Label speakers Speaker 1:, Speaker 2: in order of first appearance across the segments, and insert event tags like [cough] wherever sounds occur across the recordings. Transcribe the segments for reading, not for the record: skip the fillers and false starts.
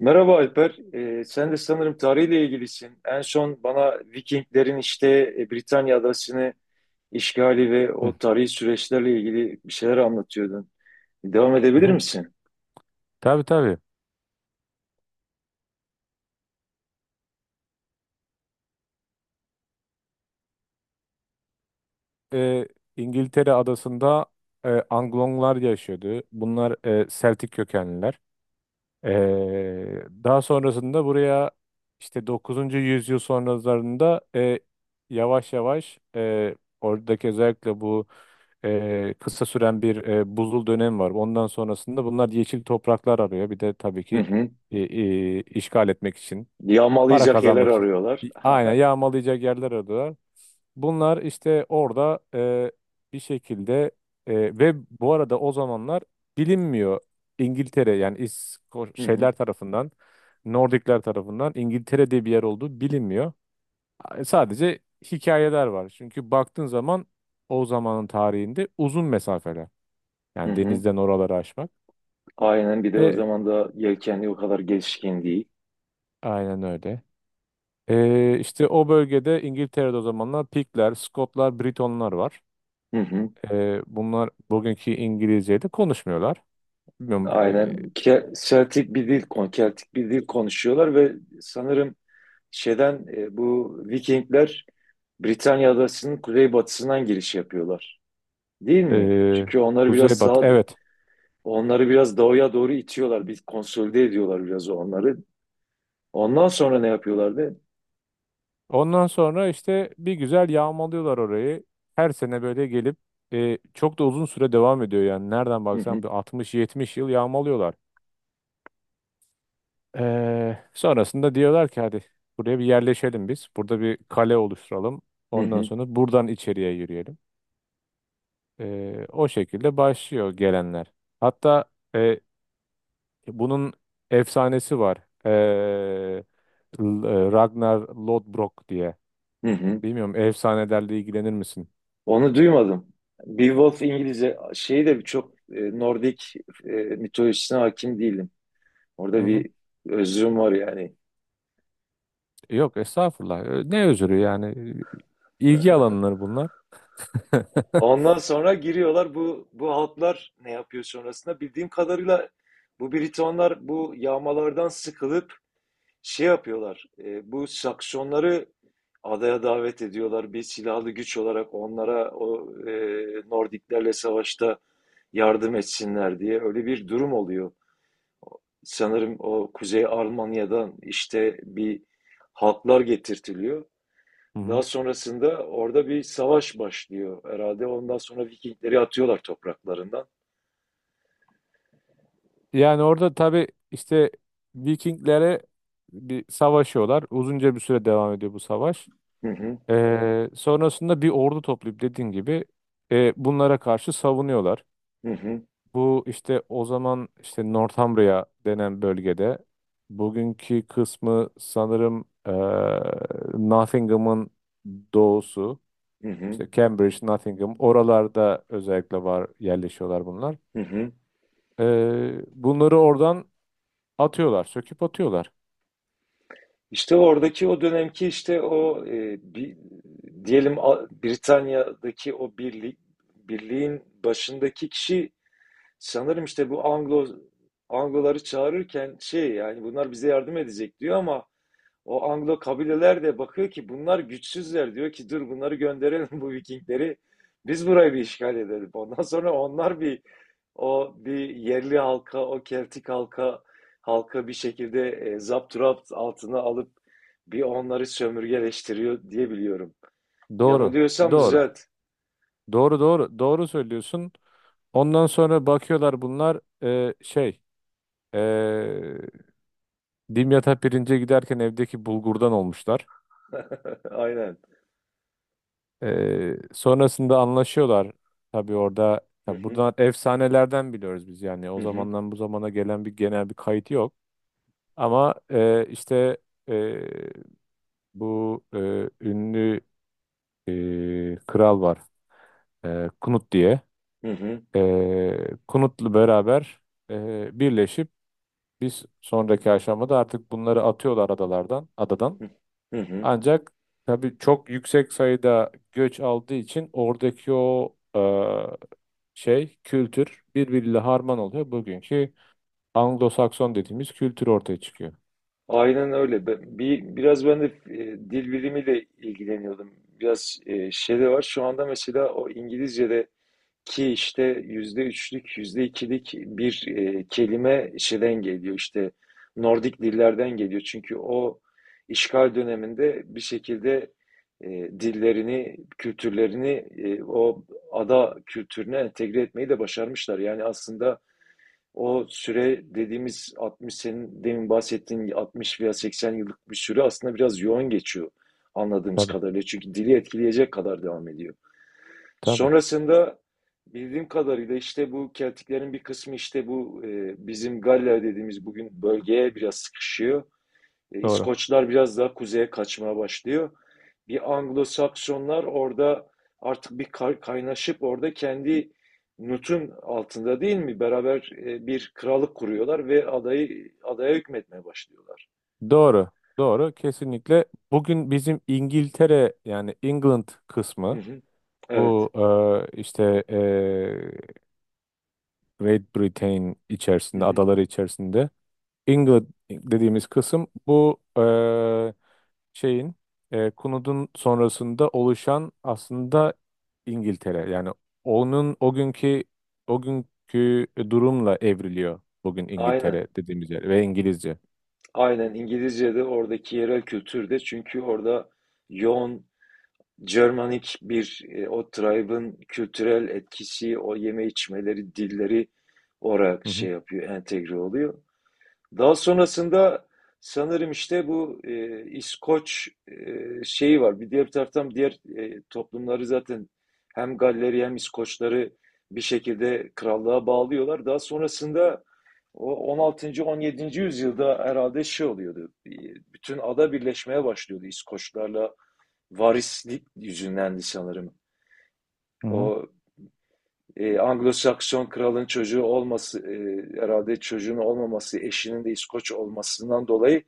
Speaker 1: Merhaba Alper. Sen de sanırım tarihle ilgilisin. En son bana Vikinglerin işte Britanya adasını işgali ve
Speaker 2: Hı
Speaker 1: o tarihi süreçlerle ilgili bir şeyler anlatıyordun. Devam
Speaker 2: hı.
Speaker 1: edebilir
Speaker 2: hı.
Speaker 1: misin?
Speaker 2: Tabii tabii. Ee, İngiltere adasında Anglonglar yaşıyordu. Bunlar Celtic kökenliler. Daha sonrasında buraya işte 9. yüzyıl sonralarında yavaş yavaş oradaki özellikle bu kısa süren bir buzul dönem var. Ondan sonrasında bunlar yeşil topraklar arıyor. Bir de tabii
Speaker 1: Hı
Speaker 2: ki
Speaker 1: hı.
Speaker 2: işgal etmek için, para
Speaker 1: Yağmalayacak yerler
Speaker 2: kazanmak için.
Speaker 1: arıyorlar.
Speaker 2: Aynen
Speaker 1: [laughs]
Speaker 2: yağmalayacak yerler arıyorlar. Bunlar işte orada bir şekilde ve bu arada o zamanlar bilinmiyor. İngiltere yani
Speaker 1: Hı hı.
Speaker 2: şeyler tarafından, Nordikler tarafından İngiltere diye bir yer olduğu bilinmiyor. Sadece hikayeler var. Çünkü baktığın zaman o zamanın tarihinde uzun mesafeler.
Speaker 1: Hı
Speaker 2: Yani
Speaker 1: hı.
Speaker 2: denizden oraları aşmak.
Speaker 1: Aynen, bir de o
Speaker 2: E,
Speaker 1: zaman da yelkenli o kadar gelişkin değil.
Speaker 2: aynen öyle. İşte o bölgede İngiltere'de o zamanlar Pikler, Skotlar, Britonlar var.
Speaker 1: Hı hı.
Speaker 2: Bunlar bugünkü İngilizce'yi de konuşmuyorlar. Bilmiyorum.
Speaker 1: Aynen. Celtic bir dil, Keltik bir dil konuşuyorlar ve sanırım şeyden bu Vikingler Britanya adasının kuzeybatısından giriş yapıyorlar. Değil mi?
Speaker 2: E,
Speaker 1: Çünkü
Speaker 2: Kuzey Batı. Evet.
Speaker 1: onları biraz doğuya doğru itiyorlar. Bir konsolide ediyorlar biraz onları. Ondan sonra ne yapıyorlardı?
Speaker 2: Ondan sonra işte bir güzel yağmalıyorlar orayı. Her sene böyle gelip çok da uzun süre devam ediyor yani. Nereden
Speaker 1: Hı hı,
Speaker 2: baksan bir 60-70 yıl yağmalıyorlar. E, Sonrasında diyorlar ki hadi buraya bir yerleşelim biz. Burada bir kale oluşturalım.
Speaker 1: hı
Speaker 2: Ondan
Speaker 1: hı,
Speaker 2: sonra buradan içeriye yürüyelim. O şekilde başlıyor gelenler. Hatta e, bunun efsanesi var. E, Ragnar Lodbrok diye.
Speaker 1: hı hı.
Speaker 2: Bilmiyorum efsanelerle ilgilenir misin?
Speaker 1: Onu duymadım. Beowulf İngilizce şeyi de çok Nordik mitolojisine hakim değilim.
Speaker 2: Hı
Speaker 1: Orada
Speaker 2: hı.
Speaker 1: bir özrüm var yani.
Speaker 2: Yok estağfurullah. Ne özürü yani? İlgi alanları bunlar. [laughs]
Speaker 1: Ondan sonra giriyorlar, bu halklar ne yapıyor sonrasında? Bildiğim kadarıyla bu Britonlar bu yağmalardan sıkılıp şey yapıyorlar. Bu Saksonları adaya davet ediyorlar. Bir silahlı güç olarak onlara o Nordiklerle savaşta yardım etsinler diye öyle bir durum oluyor. Sanırım o Kuzey Almanya'dan işte bir halklar getirtiliyor.
Speaker 2: Hı
Speaker 1: Daha
Speaker 2: hı.
Speaker 1: sonrasında orada bir savaş başlıyor herhalde. Ondan sonra Vikingleri atıyorlar topraklarından.
Speaker 2: Yani orada tabii işte Vikinglere bir savaşıyorlar. Uzunca bir süre devam ediyor bu savaş.
Speaker 1: Hı hı,
Speaker 2: Sonrasında bir ordu toplayıp dediğin gibi bunlara karşı savunuyorlar.
Speaker 1: hı hı,
Speaker 2: Bu işte o zaman işte Northumbria denen bölgede bugünkü kısmı sanırım Nottingham'ın doğusu,
Speaker 1: hı hı,
Speaker 2: işte Cambridge, Nottingham oralarda özellikle var, yerleşiyorlar bunlar.
Speaker 1: hı hı.
Speaker 2: Bunları oradan atıyorlar, söküp atıyorlar.
Speaker 1: İşte oradaki o dönemki işte o diyelim Britanya'daki o birlik, birliğin başındaki kişi sanırım işte bu Anglo Angloları çağırırken şey, yani bunlar bize yardım edecek diyor ama o Anglo kabileler de bakıyor ki bunlar güçsüzler, diyor ki dur bunları gönderelim bu Vikingleri. Biz burayı bir işgal edelim. Ondan sonra onlar bir, o bir yerli halka, o Keltik halka bir şekilde zapturapt altına alıp bir onları sömürgeleştiriyor diye biliyorum.
Speaker 2: Doğru,
Speaker 1: Yanılıyorsam
Speaker 2: doğru,
Speaker 1: düzelt.
Speaker 2: doğru, doğru söylüyorsun. Ondan sonra bakıyorlar bunlar eee Dimyat'a pirince giderken evdeki bulgurdan olmuşlar.
Speaker 1: [laughs] Aynen.
Speaker 2: Sonrasında anlaşıyorlar. Tabii orada
Speaker 1: Hı
Speaker 2: tabii
Speaker 1: hı,
Speaker 2: buradan efsanelerden biliyoruz biz yani.
Speaker 1: hı
Speaker 2: O
Speaker 1: hı,
Speaker 2: zamandan bu zamana gelen bir genel bir kayıt yok. Ama e, ünlü kral var. Knut diye.
Speaker 1: hı hı,
Speaker 2: Knut'la beraber birleşip biz sonraki aşamada artık bunları atıyorlar adalardan, adadan.
Speaker 1: hı hı.
Speaker 2: Ancak tabii çok yüksek sayıda göç aldığı için oradaki o kültür birbiriyle harman oluyor. Bugünkü Anglo-Sakson dediğimiz kültür ortaya çıkıyor.
Speaker 1: Aynen öyle. Biraz ben de dil bilimiyle ilgileniyordum. Biraz şey de var. Şu anda mesela o İngilizce'deki işte %3'lük, yüzde ikilik bir kelime şeyden geliyor. İşte Nordik dillerden geliyor. Çünkü o işgal döneminde bir şekilde e, dillerini, kültürlerini o ada kültürüne entegre etmeyi de başarmışlar. Yani aslında o süre dediğimiz 60, senin demin bahsettiğin 60 veya 80 yıllık bir süre aslında biraz yoğun geçiyor anladığımız
Speaker 2: Tabii,
Speaker 1: kadarıyla. Çünkü dili etkileyecek kadar devam ediyor.
Speaker 2: tabii.
Speaker 1: Sonrasında bildiğim kadarıyla işte bu Keltiklerin bir kısmı işte bu bizim Galler dediğimiz bugün bölgeye biraz sıkışıyor.
Speaker 2: Doğru.
Speaker 1: İskoçlar biraz daha kuzeye kaçmaya başlıyor. Bir Anglo-Saksonlar orada artık bir kaynaşıp orada kendi nutun altında, değil mi? Beraber bir krallık kuruyorlar ve adaya hükmetmeye başlıyorlar.
Speaker 2: Doğru. Doğru. Kesinlikle. Bugün bizim İngiltere yani England
Speaker 1: Hı
Speaker 2: kısmı
Speaker 1: hı.
Speaker 2: bu
Speaker 1: Evet.
Speaker 2: e, işte e, Great Britain
Speaker 1: Hı
Speaker 2: içerisinde,
Speaker 1: hı.
Speaker 2: adaları içerisinde England dediğimiz kısım bu şeyin Kunud'un sonrasında oluşan aslında İngiltere. Yani onun o günkü durumla evriliyor bugün
Speaker 1: Aynen.
Speaker 2: İngiltere dediğimiz yer ve İngilizce.
Speaker 1: Aynen, İngilizce'de, oradaki yerel kültürde, çünkü orada yoğun Germanik bir o tribe'ın kültürel etkisi, o yeme içmeleri, dilleri olarak
Speaker 2: Hı hı.
Speaker 1: şey yapıyor, entegre oluyor. Daha sonrasında sanırım işte bu İskoç şeyi var. Bir diğer bir taraftan diğer toplumları zaten hem Galleri hem İskoçları bir şekilde krallığa bağlıyorlar. Daha sonrasında o 16'ncı 17'nci yüzyılda herhalde şey oluyordu. Bütün ada birleşmeye başlıyordu İskoçlarla, varislik yüzündendi sanırım.
Speaker 2: Hı hı.
Speaker 1: O Anglo-Sakson kralın çocuğu olması, herhalde çocuğun olmaması, eşinin de İskoç olmasından dolayı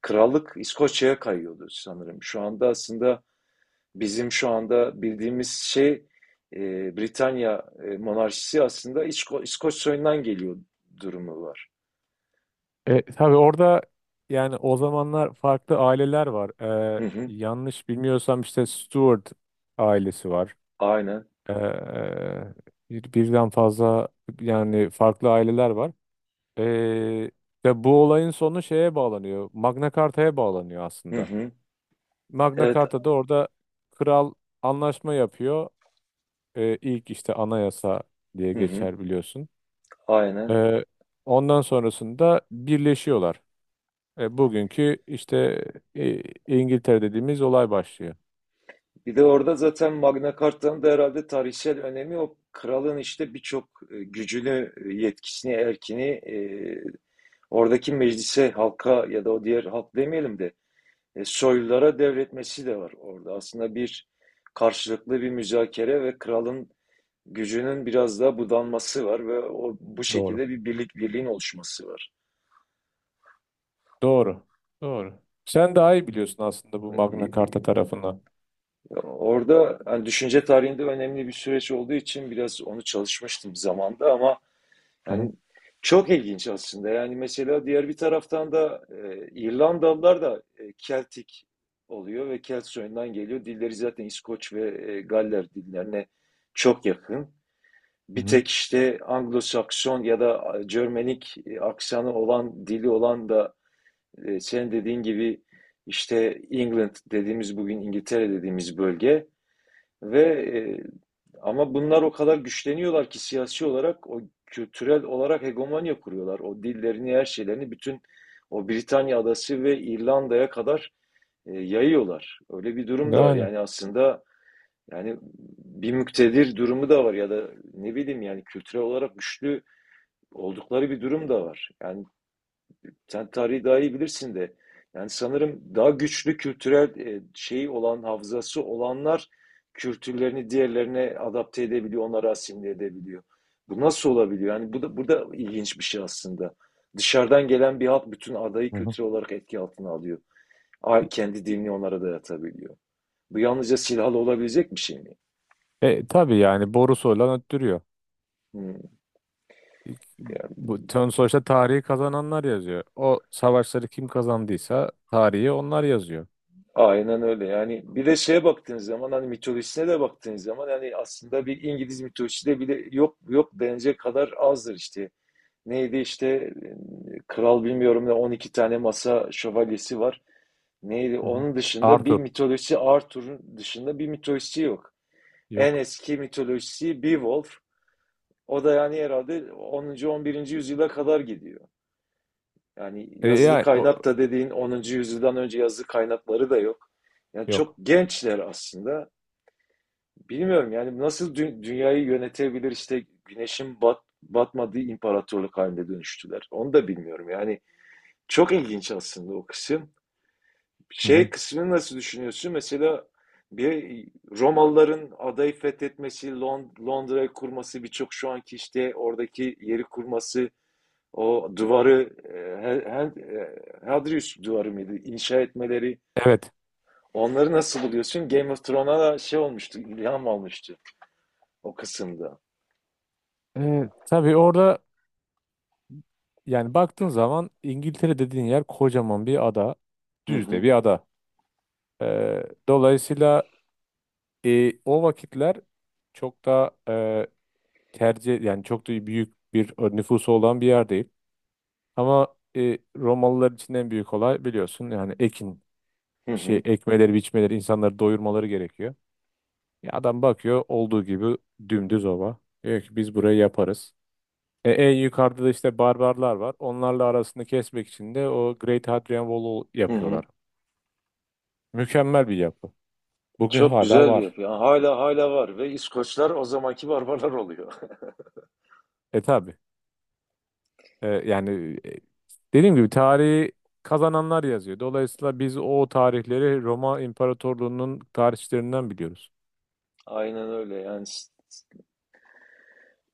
Speaker 1: krallık İskoçya'ya kayıyordu sanırım. Şu anda aslında bizim şu anda bildiğimiz şey, Britanya monarşisi aslında İskoç soyundan geliyor durumu var.
Speaker 2: Tabii orada yani o zamanlar farklı aileler var.
Speaker 1: Hı hı.
Speaker 2: Yanlış bilmiyorsam işte Stuart ailesi var.
Speaker 1: Aynen.
Speaker 2: E, Birden fazla yani farklı aileler var. Ee, Ve bu olayın sonu şeye bağlanıyor. Magna Carta'ya bağlanıyor
Speaker 1: Hı
Speaker 2: aslında.
Speaker 1: hı.
Speaker 2: Magna
Speaker 1: Evet.
Speaker 2: Carta'da orada kral anlaşma yapıyor. İlk işte anayasa diye
Speaker 1: Hı hı.
Speaker 2: geçer biliyorsun.
Speaker 1: Aynen.
Speaker 2: Ee, Ondan sonrasında birleşiyorlar. Bugünkü işte İngiltere dediğimiz olay başlıyor.
Speaker 1: Bir de orada zaten Magna Carta'nın da herhalde tarihsel önemi, o kralın işte birçok gücünü, yetkisini, erkini oradaki meclise, halka, ya da o diğer halk demeyelim de soylulara devretmesi de var orada. Aslında bir karşılıklı bir müzakere ve kralın gücünün biraz daha budanması var ve o bu
Speaker 2: Doğru.
Speaker 1: şekilde bir birliğin oluşması var.
Speaker 2: Doğru. Doğru. Sen daha iyi biliyorsun aslında bu
Speaker 1: E,
Speaker 2: Magna Carta
Speaker 1: e,
Speaker 2: tarafını.
Speaker 1: Orada hani düşünce tarihinde önemli bir süreç olduğu için biraz onu çalışmıştım zamanda ama
Speaker 2: Hı hı.
Speaker 1: yani çok ilginç aslında. Yani mesela diğer bir taraftan da İrlandalılar da Keltik oluyor ve Kelt soyundan geliyor. Dilleri zaten İskoç ve Galler dillerine çok yakın.
Speaker 2: Hı
Speaker 1: Bir
Speaker 2: hı.
Speaker 1: tek işte Anglo-Sakson ya da Cermenik aksanı olan, dili olan da senin dediğin gibi işte England dediğimiz, bugün İngiltere dediğimiz bölge ve ama bunlar o kadar güçleniyorlar ki, siyasi olarak, o kültürel olarak hegemonya kuruyorlar. O dillerini, her şeylerini bütün o Britanya adası ve İrlanda'ya kadar yayıyorlar. Öyle bir durum da var.
Speaker 2: Yani.
Speaker 1: Yani aslında, yani bir müktedir durumu da var, ya da ne bileyim, yani kültürel olarak güçlü oldukları bir durum da var. Yani sen tarihi daha iyi bilirsin de. Yani sanırım daha güçlü kültürel şeyi olan, hafızası olanlar kültürlerini diğerlerine adapte edebiliyor, onları asimile edebiliyor. Bu nasıl olabiliyor? Yani bu da ilginç bir şey aslında. Dışarıdan gelen bir halk bütün adayı
Speaker 2: Hı hı.
Speaker 1: kültürel olarak etki altına alıyor. Kendi dinini onlara dayatabiliyor. Bu yalnızca silahlı olabilecek bir şey mi?
Speaker 2: Tabii yani borusu olan öttürüyor.
Speaker 1: Hmm.
Speaker 2: Bu tön sonuçta tarihi kazananlar yazıyor. O savaşları kim kazandıysa tarihi onlar yazıyor.
Speaker 1: Aynen öyle. Yani bir de şeye baktığınız zaman, hani mitolojisine de baktığınız zaman, yani aslında bir İngiliz mitolojide bile yok, yok denecek kadar azdır işte. Neydi işte kral bilmiyorum ne, 12 tane masa şövalyesi var. Neydi
Speaker 2: Hı hı.
Speaker 1: onun dışında bir
Speaker 2: Arthur
Speaker 1: mitolojisi? Arthur'un dışında bir mitolojisi yok. En
Speaker 2: yok.
Speaker 1: eski mitolojisi Beowulf. O da yani herhalde 10'uncu 11'inci yüzyıla kadar gidiyor. Yani
Speaker 2: E,
Speaker 1: yazılı
Speaker 2: yani o,
Speaker 1: kaynak da, dediğin, 10'uncu yüzyıldan önce yazılı kaynakları da yok. Yani çok
Speaker 2: yok.
Speaker 1: gençler aslında. Bilmiyorum yani nasıl dünyayı yönetebilir, işte güneşin batmadığı imparatorluk haline dönüştüler. Onu da bilmiyorum. Yani çok ilginç aslında o kısım.
Speaker 2: Hı
Speaker 1: Şey
Speaker 2: hı.
Speaker 1: kısmını nasıl düşünüyorsun? Mesela bir Romalıların adayı fethetmesi, Londra'yı kurması, birçok şu anki işte oradaki yeri kurması, o duvarı, Hadrius duvarı mıydı? İnşa etmeleri.
Speaker 2: Evet.
Speaker 1: Onları nasıl buluyorsun? Game of Thrones'a da şey olmuştu, ilham almıştı o kısımda.
Speaker 2: Tabii orada yani baktığın zaman İngiltere dediğin yer kocaman bir ada.
Speaker 1: Hı
Speaker 2: Düz de
Speaker 1: hı,
Speaker 2: bir ada. E, Dolayısıyla o vakitler çok da e, tercih yani çok da büyük bir nüfusu olan bir yer değil. Ama Romalılar için en büyük olay biliyorsun yani ekin
Speaker 1: hı
Speaker 2: şey
Speaker 1: hı,
Speaker 2: ekmeleri, biçmeleri, insanları doyurmaları gerekiyor. Ya adam bakıyor olduğu gibi dümdüz ova. Diyor ki biz burayı yaparız. En yukarıda da işte barbarlar var. Onlarla arasını kesmek için de o Great Hadrian Wall'u
Speaker 1: hı hı.
Speaker 2: yapıyorlar. Mükemmel bir yapı. Bugün
Speaker 1: Çok
Speaker 2: hala
Speaker 1: güzel bir
Speaker 2: var.
Speaker 1: yapı. Yani hala var ve İskoçlar o zamanki barbarlar oluyor.
Speaker 2: E tabi. E, yani e, Dediğim gibi tarihi kazananlar yazıyor. Dolayısıyla biz o tarihleri Roma İmparatorluğu'nun tarihçilerinden biliyoruz.
Speaker 1: [laughs] Aynen öyle yani.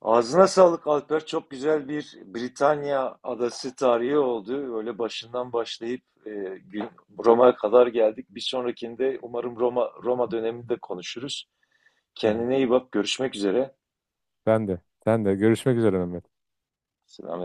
Speaker 1: Ağzına sağlık Alper. Çok güzel bir Britanya adası tarihi oldu. Öyle başından başlayıp gün- Roma'ya kadar geldik. Bir sonrakinde umarım Roma döneminde konuşuruz.
Speaker 2: Hı hı.
Speaker 1: Kendine iyi bak, görüşmek üzere.
Speaker 2: Ben de. Ben de. Görüşmek üzere Mehmet.
Speaker 1: Selam.